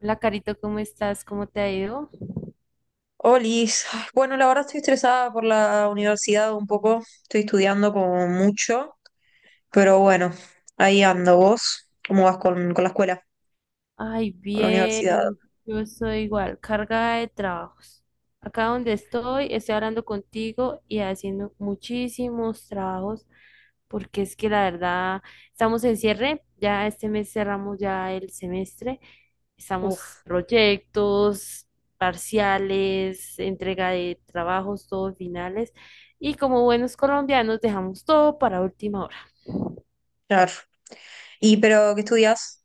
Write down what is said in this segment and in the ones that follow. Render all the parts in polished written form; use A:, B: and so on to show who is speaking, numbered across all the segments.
A: Hola, Carito, ¿cómo estás? ¿Cómo te ha ido?
B: Olis, ay, bueno, la verdad estoy estresada por la universidad un poco, estoy estudiando como mucho, pero bueno, ahí ando vos, ¿cómo vas con la escuela,
A: Ay,
B: con la universidad?
A: bien, yo estoy igual, carga de trabajos. Acá donde estoy, estoy hablando contigo y haciendo muchísimos trabajos, porque es que la verdad, estamos en cierre, ya este mes cerramos ya el semestre, estamos
B: Uf,
A: proyectos, parciales, entrega de trabajos, todos finales, y como buenos colombianos dejamos todo para última hora.
B: claro. ¿Y pero qué estudias?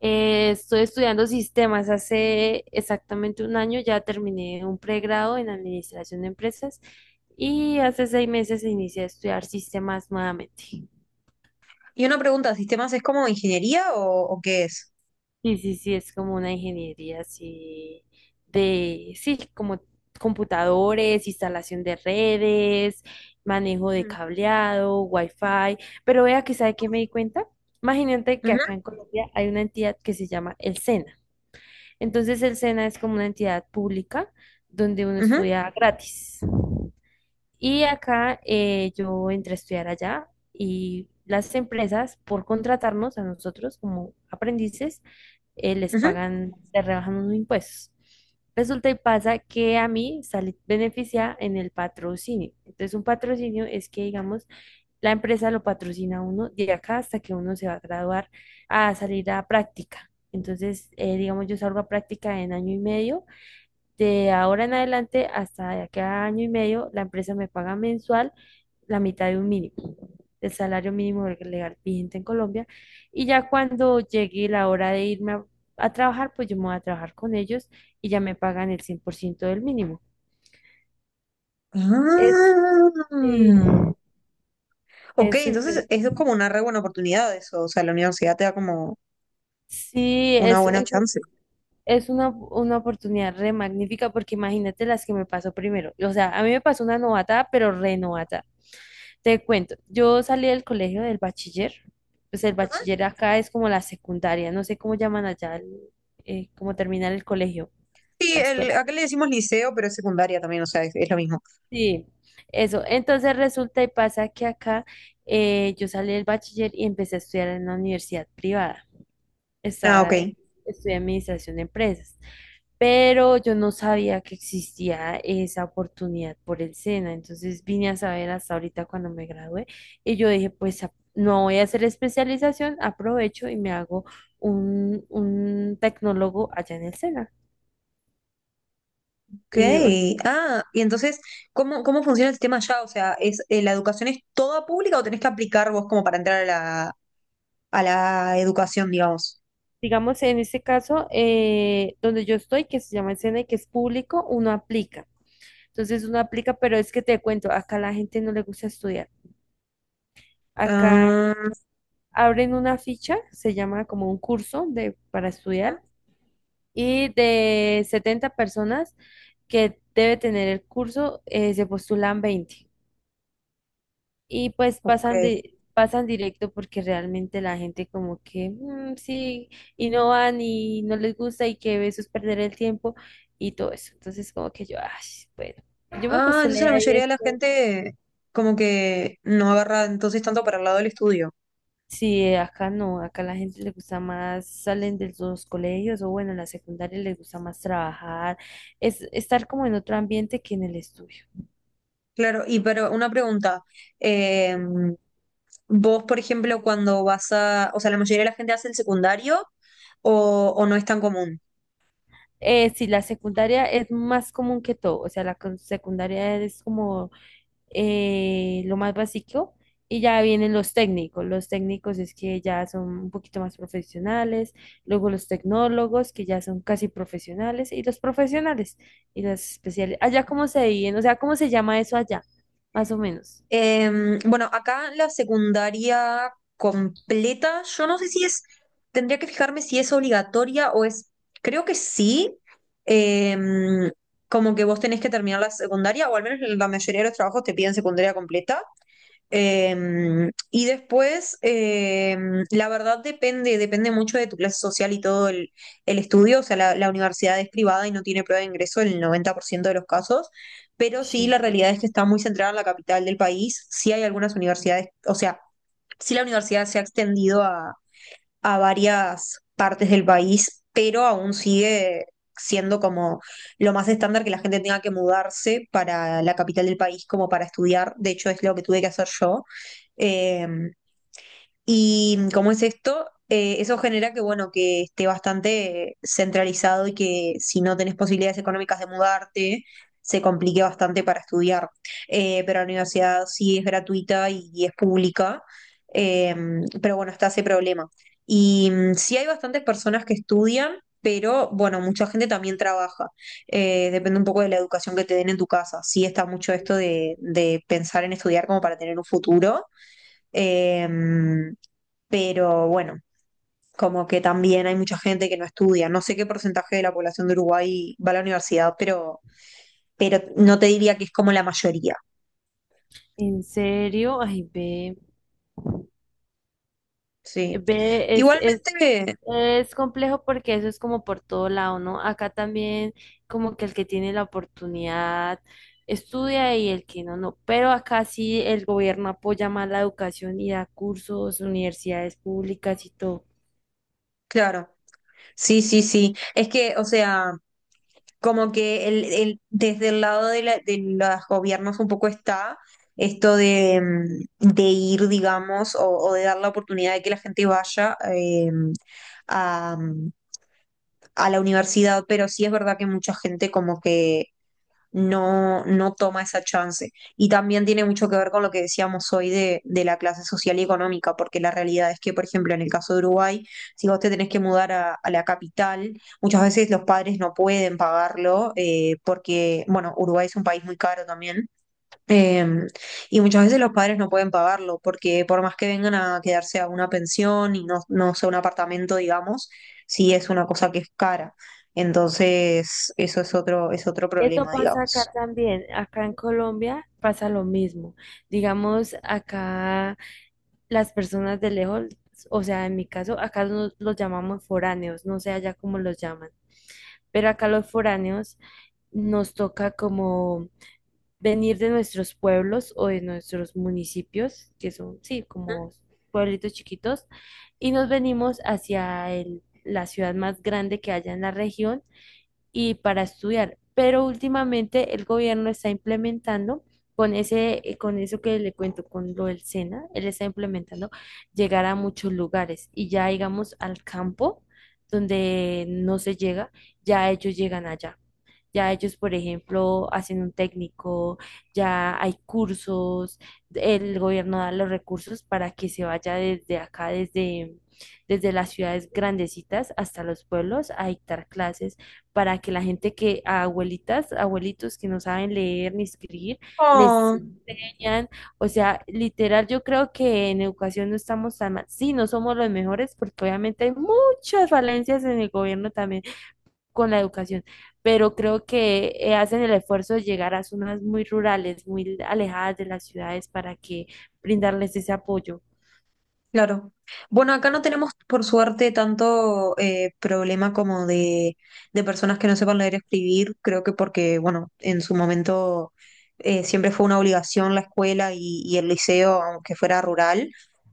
A: Estoy estudiando sistemas. Hace exactamente un año ya terminé un pregrado en administración de empresas y hace 6 meses inicié a estudiar sistemas nuevamente.
B: Y una pregunta, ¿sistemas es como ingeniería o qué es?
A: Sí sí, sí, es como una ingeniería así sí, como computadores, instalación de redes, manejo de
B: Mm.
A: cableado, wifi. Pero vea que, ¿sabe qué me di cuenta? Imagínate que acá
B: Ujú,
A: en Colombia hay una entidad que se llama el SENA. Entonces el SENA es como una entidad pública donde uno
B: ujú,
A: estudia gratis. Y acá yo entré a estudiar allá y las empresas por contratarnos a nosotros como aprendices les
B: ujú.
A: pagan, les rebajan unos impuestos. Resulta y pasa que a mí salí beneficia en el patrocinio. Entonces un patrocinio es que digamos la empresa lo patrocina a uno de acá hasta que uno se va a graduar a salir a práctica. Entonces, digamos, yo salgo a práctica en año y medio. De ahora en adelante hasta de acá a año y medio, la empresa me paga mensual la mitad de un mínimo, del salario mínimo legal vigente en Colombia. Y ya cuando llegue la hora de irme a trabajar, pues yo me voy a trabajar con ellos y ya me pagan el 100% del mínimo. Es, sí,
B: Ah. Ok,
A: es súper.
B: entonces es como una re buena oportunidad eso, o sea, la universidad te da como
A: Sí,
B: una
A: eso
B: buena chance.
A: es una, oportunidad re magnífica porque imagínate las que me pasó primero. O sea, a mí me pasó una novatada, pero re novatada. Te cuento, yo salí del colegio del bachiller. Pues el
B: Ujú.
A: bachiller acá es como la secundaria, no sé cómo llaman allá, cómo terminar el colegio,
B: Sí,
A: la
B: el,
A: escuela.
B: acá le decimos liceo, pero es secundaria también, o sea, es lo mismo.
A: Sí, eso. Entonces resulta y pasa que acá yo salí del bachiller y empecé a estudiar en la universidad privada.
B: Ah, ok.
A: Estaba, eh, Estudié administración de empresas. Pero yo no sabía que existía esa oportunidad por el SENA, entonces vine a saber hasta ahorita cuando me gradué y yo dije, pues no voy a hacer especialización, aprovecho y me hago un, tecnólogo allá en el SENA.
B: Ok.
A: Y, o-
B: Ah, y entonces, ¿¿cómo funciona el sistema allá? O sea, ¿la educación es toda pública o tenés que aplicar vos como para entrar a la educación, digamos?
A: digamos, en este caso, donde yo estoy, que se llama el SENA y que es público, uno aplica. Entonces uno aplica, pero es que te cuento, acá la gente no le gusta estudiar. Acá
B: Ah,
A: abren una ficha, se llama como un curso de, para estudiar y de 70 personas que debe tener el curso, se postulan 20 y pues
B: ok.
A: pasan directo porque realmente la gente como que "Mm, sí y no van y no les gusta y que eso es perder el tiempo y todo eso". Entonces como que yo, ay, bueno, yo me
B: Ah, entonces
A: postulé
B: la
A: ahí
B: mayoría de la
A: esto.
B: gente como que no agarra entonces tanto para el lado del estudio.
A: Sí, acá no, acá la gente le gusta más, salen de los colegios o bueno, en la secundaria les gusta más trabajar, es estar como en otro ambiente que en el estudio.
B: Claro, y pero una pregunta. Eh, Vos, por ejemplo, cuando vas a, o sea, la mayoría de la gente hace el secundario o no es tan común.
A: Sí, la secundaria es más común que todo, o sea, la secundaria es como lo más básico y ya vienen los técnicos es que ya son un poquito más profesionales, luego los tecnólogos que ya son casi profesionales y los especiales. Allá cómo se dividen, o sea, cómo se llama eso allá, más o menos.
B: Bueno, acá la secundaria completa, yo no sé si es, tendría que fijarme si es obligatoria o es, creo que sí, em, como que vos tenés que terminar la secundaria, o al menos la mayoría de los trabajos te piden secundaria completa, eh, y después, la verdad depende, depende mucho de tu clase social y todo el estudio. O sea, la universidad es privada y no tiene prueba de ingreso en el 90% de los casos, pero sí
A: Shen-
B: la realidad es que está muy centrada en la capital del país. Sí hay algunas universidades, o sea, sí la universidad se ha extendido a varias partes del país, pero aún sigue siendo como lo más estándar que la gente tenga que mudarse para la capital del país como para estudiar. De hecho, es lo que tuve que hacer yo. Eh, y como es esto, eso genera que, bueno, que esté bastante centralizado y que si no tenés posibilidades económicas de mudarte, se complique bastante para estudiar. Pero la universidad sí es gratuita y es pública, eh, pero bueno, está ese problema. Y mm, sí hay bastantes personas que estudian, pero bueno, mucha gente también trabaja. Depende un poco de la educación que te den en tu casa. Sí está mucho esto de pensar en estudiar como para tener un futuro. Em, pero bueno, como que también hay mucha gente que no estudia. No sé qué porcentaje de la población de Uruguay va a la universidad, pero no te diría que es como la mayoría.
A: ¿En serio? Ay, ve,
B: Sí.
A: ve,
B: Igualmente,
A: es complejo porque eso es como por todo lado, ¿no? Acá también como que el que tiene la oportunidad estudia y el que no, no. Pero acá sí el gobierno apoya más la educación y da cursos, universidades públicas y todo.
B: claro. Sí, sí, sí. Es que, o sea, como que el- desde el lado de, la- de los gobiernos un poco está esto de, mm, de ir, digamos, o de dar la oportunidad de que la gente vaya eh, a la universidad, pero sí es verdad que mucha gente como que no, no toma esa chance. Y también tiene mucho que ver con lo que decíamos hoy de la clase social y económica, porque la realidad es que, por ejemplo, en el caso de Uruguay, si vos te tenés que mudar a la capital, muchas veces los padres no pueden pagarlo, porque, bueno, Uruguay es un país muy caro también. Em, y muchas veces los padres no pueden pagarlo porque por más que vengan a quedarse a una pensión y no, no sea un apartamento, digamos, sí es una cosa que es cara. Entonces, eso es otro
A: Esto
B: problema,
A: pasa acá
B: digamos.
A: también. Acá en Colombia pasa lo mismo. Digamos, acá las personas de lejos, o sea, en mi caso, acá los llamamos foráneos, no sé allá cómo los llaman, pero acá los foráneos nos toca como venir de nuestros pueblos o de nuestros municipios, que son, sí, como pueblitos chiquitos, y nos venimos hacia la ciudad más grande que haya en la región y para estudiar. Pero últimamente el gobierno está implementando con ese, con eso que le cuento, con lo del SENA, él está implementando llegar a muchos lugares y ya llegamos al campo donde no se llega, ya ellos llegan allá. Ya ellos, por ejemplo, hacen un técnico, ya hay cursos, el gobierno da los recursos para que se vaya desde acá, desde las ciudades grandecitas hasta los pueblos a dictar clases para que la gente que, a abuelitas, abuelitos que no saben leer ni escribir, les
B: Oh.
A: enseñan. O sea, literal, yo creo que en educación no estamos tan mal. Sí, no somos los mejores porque obviamente hay muchas falencias en el gobierno también, con la educación, pero creo que hacen el esfuerzo de llegar a zonas muy rurales, muy alejadas de las ciudades para que brindarles ese apoyo.
B: Claro. Bueno, acá no tenemos, por suerte, tanto problema como de personas que no sepan leer y escribir. Creo que porque, bueno, en su momento siempre fue una obligación la escuela y el liceo, aunque fuera rural.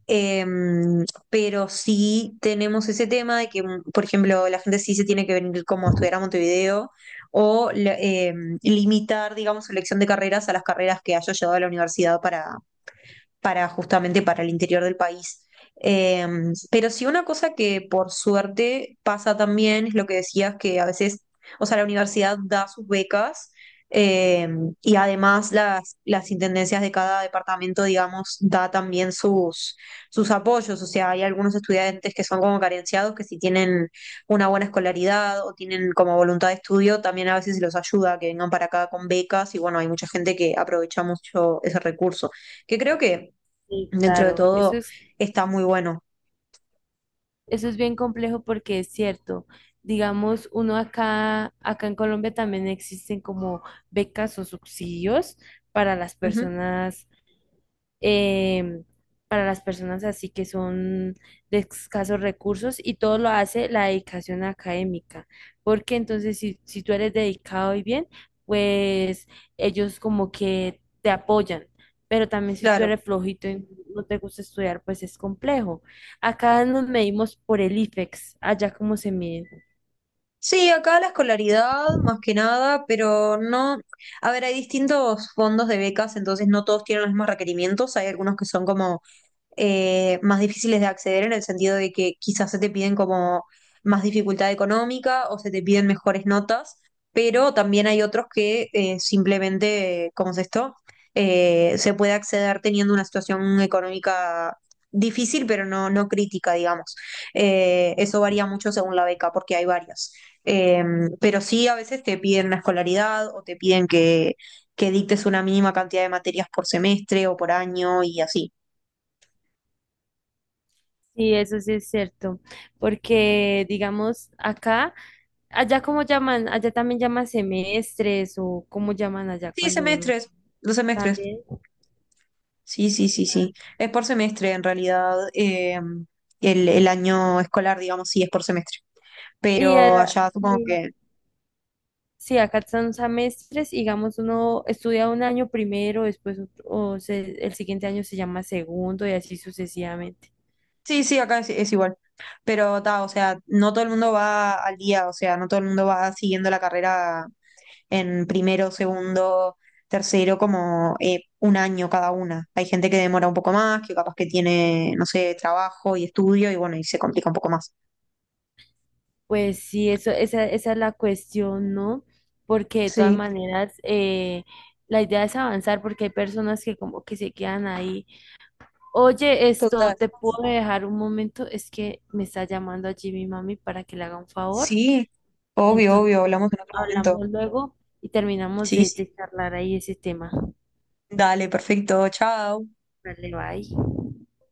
B: Em, pero sí tenemos ese tema de que, mm, por ejemplo, la gente sí se tiene que venir como a estudiar a Montevideo o la- em, limitar, digamos, su elección de carreras a las carreras que haya llevado a la universidad para justamente para el interior del país. Eh, pero sí una cosa que por suerte pasa también es lo que decías, que a veces, o sea, la universidad da sus becas eh, y además las intendencias de cada departamento, digamos, da también sus, sus apoyos. O sea, hay algunos estudiantes que son como carenciados, que si tienen una buena escolaridad o tienen como voluntad de estudio, también a veces se los ayuda a que vengan para acá con becas y bueno, hay mucha gente que aprovecha mucho ese recurso que creo que
A: Sí,
B: dentro de
A: claro,
B: todo está muy bueno.
A: eso es bien complejo porque es cierto. Digamos, uno acá, acá en Colombia también existen como becas o subsidios para las
B: Ujú,
A: personas eh, para las personas así que son de escasos recursos y todo lo hace la dedicación académica, porque entonces si tú eres dedicado y bien, pues ellos como que te apoyan, pero también si tú
B: claro.
A: eres flojito y no te gusta estudiar, pues es complejo. Acá nos medimos por el IFEX, allá como se mide.
B: Sí, acá la escolaridad más que nada, pero no, a ver, hay distintos fondos de becas, entonces no todos tienen los mismos requerimientos, hay algunos que son como más difíciles de acceder en el sentido de que quizás se te piden como más dificultad económica o se te piden mejores notas, pero también hay otros que simplemente, ¿cómo es esto? Se puede acceder teniendo una situación económica difícil, pero no, no crítica, digamos. Eso varía mucho según la beca, porque hay varias. Eh, pero sí, a veces te piden una escolaridad o te piden que dictes una mínima cantidad de materias por semestre o por año y así.
A: Sí, eso sí es cierto, porque digamos acá allá cómo llaman, allá también llaman semestres o cómo llaman allá
B: Sí,
A: cuando uno
B: semestres, los semestres.
A: también.
B: Sí, sí, sí, sí. Es por semestre en realidad. El año escolar, digamos, sí es por semestre.
A: Y,
B: Pero
A: allá-
B: allá supongo
A: y-
B: que...
A: sí, acá son semestres, digamos, uno estudia un año primero, después el siguiente año se llama segundo y así sucesivamente.
B: Sí, sí, acá es igual. Pero ta, o sea, no todo el mundo va al día, o sea, no todo el mundo va siguiendo la carrera en primero, segundo, tercero, como un año cada una. Hay gente que demora un poco más, que capaz que tiene, no sé, trabajo y estudio y bueno, y se complica un poco más.
A: Pues sí, esa es la cuestión, ¿no? Porque de todas
B: Sí,
A: maneras, la idea es avanzar porque hay personas que como que se quedan ahí. Oye, esto,
B: total.
A: ¿te puedo dejar un momento? Es que me está llamando allí mi mami para que le haga un favor.
B: Sí, obvio,
A: Entonces,
B: obvio, hablamos en otro momento.
A: hablamos luego y terminamos
B: Sí,
A: de,
B: sí.
A: de charlar ahí ese tema.
B: Dale, perfecto, chao.
A: Vale, bye.